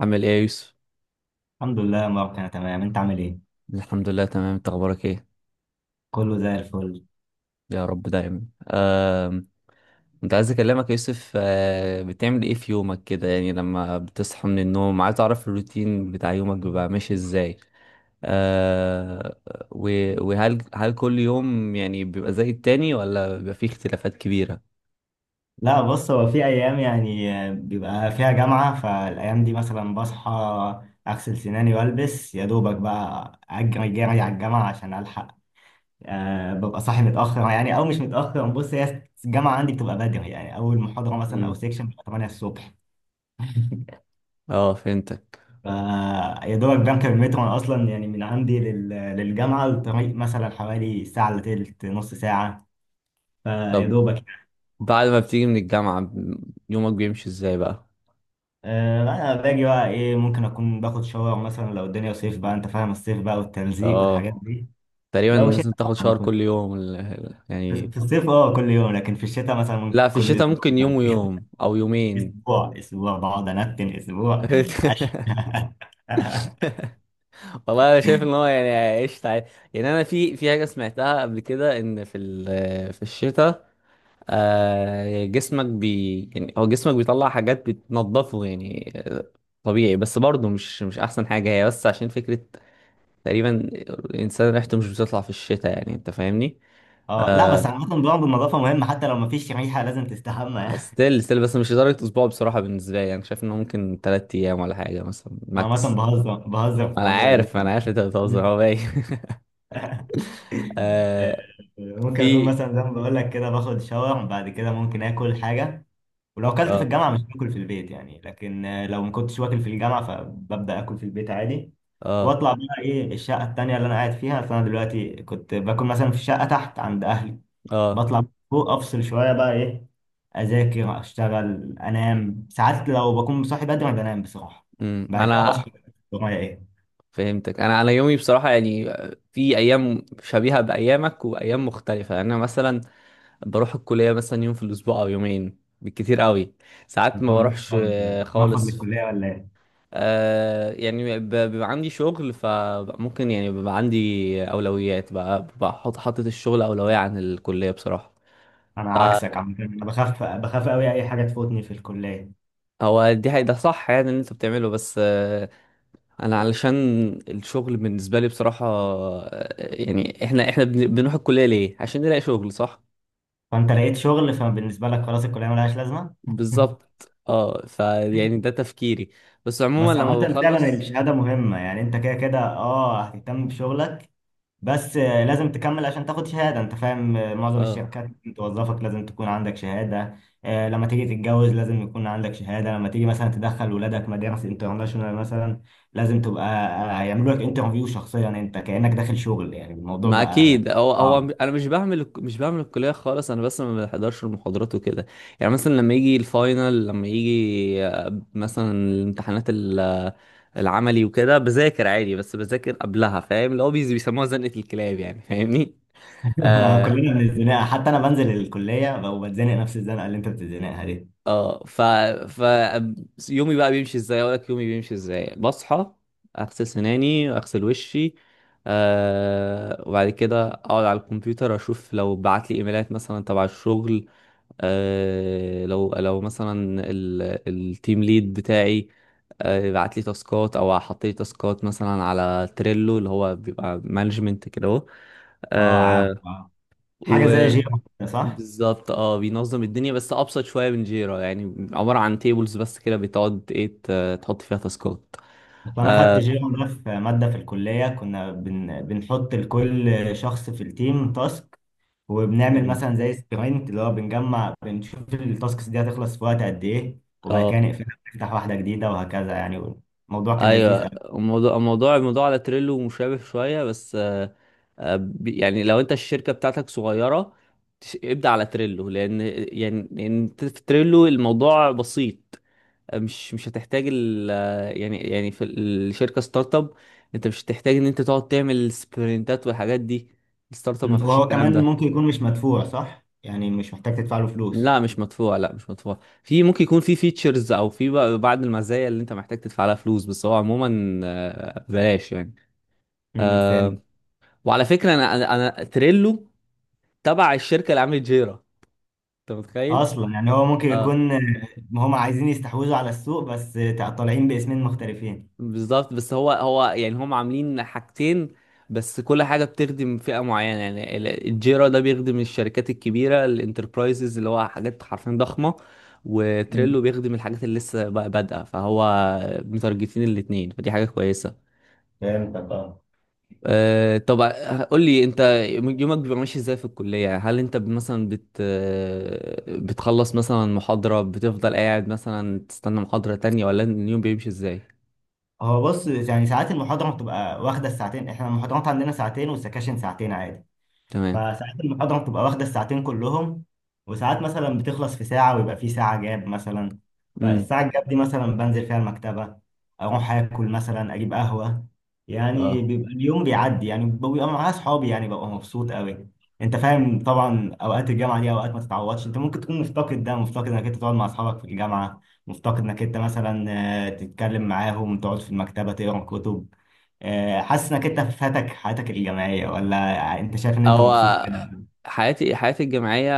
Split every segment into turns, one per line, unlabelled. عامل ايه يا يوسف؟
الحمد لله يا مبارك، انا تمام. انت عامل ايه؟
الحمد لله تمام، انت اخبارك ايه؟
كله زي الفل.
يا رب دايما. آم، كنت عايز اكلمك يا يوسف. بتعمل ايه في يومك كده؟ يعني لما بتصحى من النوم، عايز اعرف الروتين بتاع يومك بيبقى ماشي ازاي. آه، و- وهل هل كل يوم يعني بيبقى زي التاني، ولا بيبقى فيه اختلافات كبيرة؟
لا بص، هو في ايام يعني بيبقى فيها جامعة. فالايام دي مثلا بصحى، اغسل سناني والبس يا دوبك، بقى اجري جري على الجامعة عشان الحق. ببقى صاحي متأخر يعني، او مش متأخر. بص، هي الجامعة عندي بتبقى بدري، يعني اول محاضرة مثلا او
مم.
سيكشن بتبقى 8 الصبح.
اه، فهمتك.
ف يا دوبك بنكر المترو. انا اصلا يعني من عندي للجامعة، الطريق مثلا حوالي ساعة الا تلت، نص ساعة. فيا
طب
دوبك.
بعد ما بتيجي من الجامعة يومك بيمشي ازاي بقى؟
لا انا باجي بقى ايه، ممكن اكون باخد شاور مثلا لو الدنيا صيف بقى. انت فاهم الصيف بقى، والتلزيق والحاجات
اه،
دي.
تقريبا
لو شتاء
لازم تاخد
لا ما
شاور كل
باخدش.
يوم
في
يعني.
في الصيف اه كل يوم، لكن في الشتاء مثلا
لا،
ممكن
في
كل
الشتاء ممكن يوم
اسبوع.
ويوم او يومين.
اسبوع اسبوع بقعد انتن اسبوع. أش-
والله انا شايف ان هو يعني عشت عادي. يعني انا في حاجه سمعتها قبل كده، ان في في الشتاء جسمك يعني جسمك بيطلع حاجات بتنضفه يعني. طبيعي، بس برضه مش احسن حاجه، هي بس عشان فكره. تقريبا الانسان ريحته مش بتطلع في الشتاء، يعني انت فاهمني.
اه لا، بس
آه،
عامة برضه النظافة مهمة، حتى لو مفيش ريحة لازم تستحمى يعني.
ستيل ستيل، بس مش لدرجه اسبوع. بصراحه بالنسبه لي، انا شايف انه ممكن 3 ايام ولا حاجه مثلا،
عامة
ماكس.
بهزر بهزر في
انا
موضوع الزيوت.
عارف، انا عارف انت بتهزر، هو باين. آه.
ممكن اكون
في.
مثلا زي ما بقول لك كده باخد شاور، بعد كده ممكن اكل حاجة. ولو اكلت في
اه.
الجامعه مش باكل في البيت يعني، لكن لو ما كنتش واكل في الجامعه فببدا اكل في البيت عادي.
اه.
واطلع بقى ايه الشقه التانيه اللي انا قاعد فيها. فانا دلوقتي كنت باكل مثلا في الشقه تحت عند اهلي.
اه.
بطلع فوق، افصل شويه بقى ايه، اذاكر، اشتغل، انام ساعات لو بكون صاحي بدري، بنام بصراحه.
امم،
بعد كده
انا
بصحى. ورايا ايه؟
فهمتك. انا انا يومي بصراحه يعني في ايام شبيهه بايامك، وايام مختلفه. يعني انا مثلا بروح الكليه مثلا يوم في الاسبوع او يومين بالكتير قوي. ساعات
انت
ما بروحش
مرفض، مرفض
خالص.
للكليه ولا ايه؟
آه، يعني بيبقى عندي شغل، فممكن يعني بيبقى عندي اولويات بقى، بحط حاطط الشغل اولويه عن الكليه بصراحه.
انا
آه،
عكسك عم، انا بخاف بخاف قوي اي حاجه تفوتني في الكليه.
هو دي حقيقة، ده صح يعني اللي انت بتعمله، بس انا علشان الشغل بالنسبة لي بصراحة، يعني احنا بنروح الكلية ليه؟ عشان نلاقي شغل صح؟
فانت لقيت شغل فبالنسبه لك خلاص الكليه ملهاش لازمه.
بالظبط. اه، فيعني ده تفكيري، بس عموما
بس عامة
لما
فعلا
بخلص.
الشهادة مهمة يعني، انت كده كده اه هتهتم بشغلك. بس لازم تكمل عشان تاخد شهادة. انت فاهم؟ معظم
اه،
الشركات اللي بتوظفك لازم تكون عندك شهادة. لما تيجي تتجوز لازم يكون عندك شهادة. لما تيجي مثلا تدخل ولادك مدارس انترناشونال مثلا لازم تبقى هيعملوا لك انترفيو شخصيا، انت كأنك داخل شغل يعني الموضوع
ما
بقى
اكيد. هو
صعب.
انا مش بعمل الكليه خالص، انا بس ما بحضرش المحاضرات وكده. يعني مثلا لما يجي الفاينل، لما يجي مثلا الامتحانات العملي وكده، بذاكر عادي، بس بذاكر قبلها، فاهم اللي هو بيسموها زنقه الكلاب، يعني فاهمني. اه.
كلنا بنتزنق، حتى انا بنزل الكلية وبتزنق نفس الزنقة اللي انت بتتزنقها دي.
اه. ف يومي بقى بيمشي ازاي؟ اقول لك يومي بيمشي ازاي. بصحى، اغسل سناني، اغسل وشي، آه، وبعد كده اقعد على الكمبيوتر، اشوف لو بعت لي ايميلات مثلا تبع الشغل. آه، لو مثلا ال- التيم ليد بتاعي آه بعت لي تاسكات، او حط لي تاسكات مثلا على تريلو، اللي هو بيبقى مانجمنت كده اهو.
اه، عارف
آه،
حاجة زي جيم، صح؟
وبالظبط اه، بينظم الدنيا، بس ابسط شويه من جيرا. يعني عباره عن تيبلز بس كده، بتقعد ايه تحط فيها تاسكات.
وانا خدت
اه.
جيو ده في ماده في الكليه. كنا بنحط لكل شخص في التيم تاسك. وبنعمل
مم.
مثلا زي سبرنت، اللي هو بنجمع بنشوف التاسكس دي هتخلص في وقت قد ايه، وبعد كده نقفلها نفتح واحده جديده وهكذا يعني. الموضوع كان
ايوه.
لذيذ قوي.
الموضوع على تريلو مشابه شويه، بس يعني لو انت الشركه بتاعتك صغيره، ابدا على تريلو، لان يعني لان في تريلو الموضوع بسيط. مش هتحتاج ال يعني في الشركه ستارت اب، انت مش هتحتاج ان انت تقعد تعمل سبرنتات والحاجات دي. الستارت اب ما فيهاش
وهو
الكلام
كمان
ده.
ممكن يكون مش مدفوع، صح؟ يعني مش محتاج تدفع له فلوس.
لا، مش مدفوع. لا، مش مدفوع. في ممكن يكون في فيتشرز او في بقى بعض المزايا اللي انت محتاج تدفع لها فلوس، بس هو عموما بلاش يعني.
فاهم.
آه، وعلى فكره انا انا تريلو تبع الشركه اللي عملت جيرا. انت متخيل؟
اصلا يعني هو ممكن
اه،
يكون هم عايزين يستحوذوا على السوق بس، طالعين باسمين مختلفين.
بالظبط. بس هو يعني هم عاملين حاجتين، بس كل حاجه بتخدم فئه معينه. يعني الجيرا ده بيخدم الشركات الكبيره، الانتربرايزز، اللي هو حاجات حرفيا ضخمه. وتريلو
مم.
بيخدم الحاجات اللي لسه بقى بادئه. فهو متارجتين الاتنين، فدي حاجه كويسه.
فهمتك، اه.
أه طب، قول لي انت يومك بيبقى ماشي ازاي في الكلية؟ يعني هل انت مثلا بت آه، بتخلص مثلا محاضرة، بتفضل قاعد مثلا تستنى محاضرة تانية، ولا اليوم بيمشي ازاي؟
هو بص، يعني ساعات المحاضرة بتبقى واخدة الساعتين. احنا المحاضرات عندنا ساعتين والسكاشن ساعتين عادي.
تمام.
فساعات المحاضرة بتبقى واخدة الساعتين كلهم، وساعات مثلا بتخلص في ساعة ويبقى في ساعة جاب مثلا.
امم.
فالساعة الجاب دي مثلا بنزل فيها المكتبة، أروح آكل مثلا، أجيب قهوة. يعني
اه.
بيبقى اليوم بيعدي، يعني بيبقى معايا أصحابي، يعني ببقى مبسوط أوي. أنت فاهم طبعا، أوقات الجامعة دي أوقات ما تتعوضش. أنت ممكن تكون مفتقد ده، مفتقد إنك أنت تقعد مع أصحابك في الجامعة، مفتقد إنك أنت مثلا تتكلم معاهم، تقعد في المكتبة تقرا كتب. حاسس إنك أنت فاتك حياتك الجامعية، ولا انت شايف ان انت مبسوط كده؟
هو حياتي الجامعية،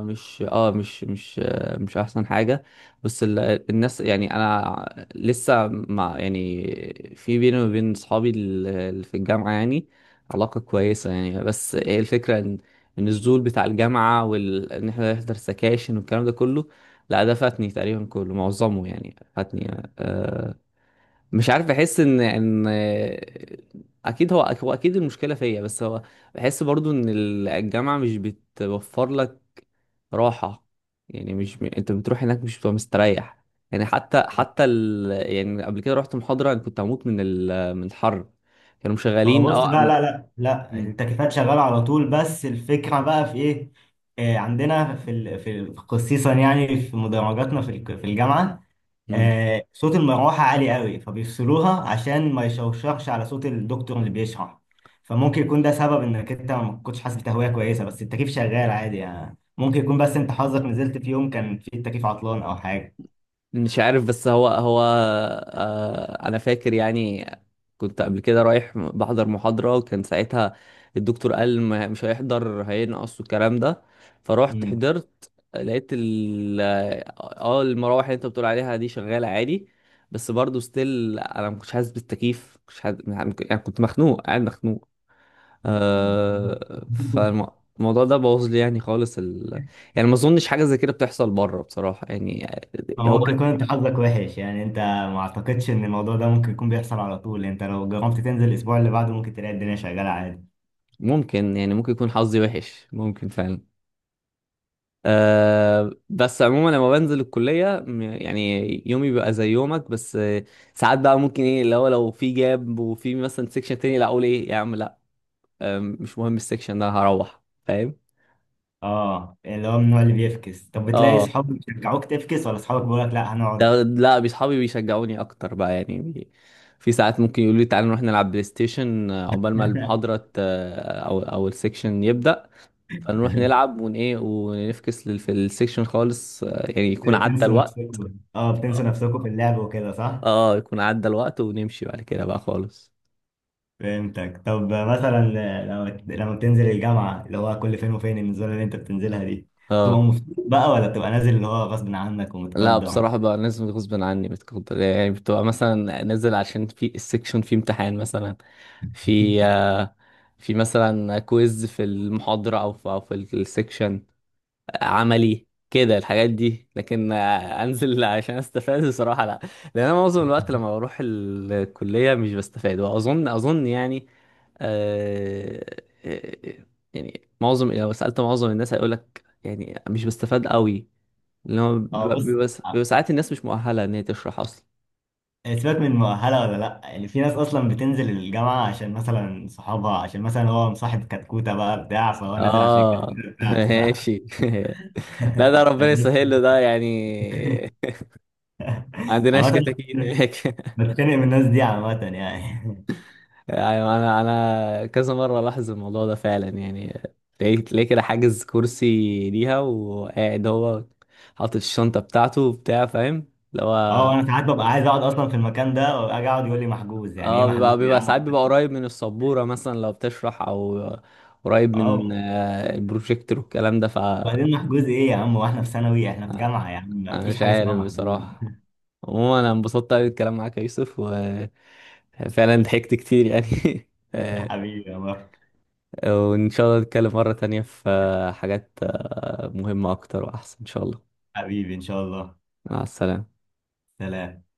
مش مش أحسن حاجة، بس الناس يعني، أنا لسه مع يعني في بيني وبين صحابي اللي في الجامعة يعني علاقة كويسة يعني. بس هي الفكرة إن إن الزول بتاع الجامعة، وإن إن إحنا نحضر سكاشن والكلام ده كله، لا، ده فاتني تقريبا كله، معظمه يعني فاتني. آه، مش عارف، بحس ان اكيد هو اكيد المشكله فيا، بس هو بحس برضو ان الجامعه مش بتوفر لك راحه. يعني مش م... انت بتروح هناك مش بتبقى مستريح. يعني حتى يعني قبل كده رحت محاضره، انا كنت هموت من من الحر. كانوا
هو
مشغلين
بص،
اه
لا لا لا لا،
م-
التكييفات شغاله على طول. بس الفكره بقى في ايه، عندنا خصيصا يعني في مدرجاتنا في الجامعه،
م.
صوت المروحه عالي قوي، فبيفصلوها عشان ما يشوشرش على صوت الدكتور اللي بيشرح. فممكن يكون ده سبب انك انت ما كنتش حاسس بتهويه كويسه، بس التكييف شغال عادي يعني. ممكن يكون بس انت حظك نزلت في يوم كان فيه التكييف عطلان او حاجه.
مش عارف، بس هو آه انا فاكر يعني كنت قبل كده رايح بحضر محاضرة، وكان ساعتها الدكتور قال مش هيحضر، هينقص والكلام ده، فروحت
مم.
حضرت، لقيت ال اه المراوح اللي انت بتقول عليها دي شغالة عادي. بس برضه ستيل انا ما كنتش حاسس بالتكييف، مش حاسس يعني، كنت مخنوق، قاعد مخنوق. آه، فالموضوع ده بوظ لي يعني خالص يعني ما اظنش حاجة زي كده بتحصل بره بصراحة يعني.
هو
هو
ممكن يكون انت حظك وحش يعني. انت ما اعتقدش ان الموضوع ده ممكن يكون بيحصل على طول. انت لو جربت تنزل الاسبوع اللي بعده ممكن تلاقي الدنيا شغاله عادي.
ممكن يعني، ممكن يكون حظي وحش، ممكن فعلا. أه بس عموما لما بنزل الكلية يعني يومي بيبقى زي يومك، بس ساعات بقى ممكن ايه اللي هو لو في جاب، وفي مثلا سيكشن تاني، لا اقول ايه يا عم، لا مش مهم، السيكشن ده هروح فاهم.
اه، اللي هو من النوع اللي بيفكس. طب بتلاقي
اه،
صحابك بيشجعوك تفكس، ولا صحابك بيقولك لا هنقعد؟
ده لا، اصحابي بيشجعوني اكتر بقى يعني في ساعات ممكن يقولوا لي تعالى نروح نلعب بلاي ستيشن عقبال ما المحاضرة او السيكشن يبدأ، فنروح نلعب ون ايه، ونفكس في السيكشن خالص. يعني يكون عدى
تنسوا
الوقت.
نفسكم، اه، بتنسوا
اه،
نفسكم في اللعب وكده، صح؟
يكون عدى الوقت ونمشي بعد كده بقى خالص.
فهمتك. طب مثلا لما بتنزل الجامعه، اللي هو كل فين وفين النزوله اللي انت بتنزلها دي، بتبقى
اه،
مبسوط بقى، ولا بتبقى نازل اللي هو غصب عنك
لا
ومتقدر؟
بصراحة بقى لازم غصب عني، بتقدر يعني بتبقى مثلا نازل عشان في السيكشن في امتحان مثلا، في في مثلا كويز في المحاضرة، أو في أو في السيكشن عملي كده، الحاجات دي. لكن انزل عشان استفاد بصراحه لا، لان انا معظم الوقت لما بروح الكليه مش بستفاد. واظن يعني آه آه، آه، يعني معظم، لو سالت معظم الناس هيقول لك يعني مش بستفاد قوي، اللي هو
اه
بيبقى
بص،
بيبقى بيبقى ساعات الناس مش مؤهله ان هي تشرح اصلا.
إيه، سيبك من مؤهلة ولا لأ. يعني في ناس أصلا بتنزل الجامعة عشان مثلا صحابها، عشان مثلا هو مصاحب كتكوتة بقى بتاع، فهو نازل عشان
اه.
الكتكوتة بتاعته بقى.
ماشي. لا، ده
أنا
ربنا يسهل له ده يعني. عندناش
عامة
كتاكيت هناك.
بتخانق من الناس دي عامة يعني.
يعني انا كذا مره لاحظ الموضوع ده فعلا يعني. تلاقيه كده حاجز كرسي ليها، وقاعد هو حاطط الشنطه بتاعته وبتاع، فاهم. اللي
اه،
هو
أنا ساعات ببقى عايز أقعد أصلا في المكان ده وأجي أقعد يقول لي محجوز. يعني إيه
اه
محجوز
بيبقى
يا
بيبقى ساعات
عم؟
بيبقى قريب من السبوره مثلا لو بتشرح، او قريب من
اه،
البروجيكتور والكلام ده، فانا
وبعدين محجوز إيه يا عم؟ وإحنا في ثانوي؟ إحنا في جامعة يا عم، مفيش
مش
حاجة اسمها
عارف
محجوز.
بصراحه. عموما انا انبسطت قوي بالكلام معاك يا يوسف، وفعلا ضحكت كتير يعني.
حبيبي يا مروة.
وإن شاء الله نتكلم مرة تانية في حاجات مهمة أكتر وأحسن إن شاء الله.
حبيبي إن شاء الله.
مع السلامة.
سلام.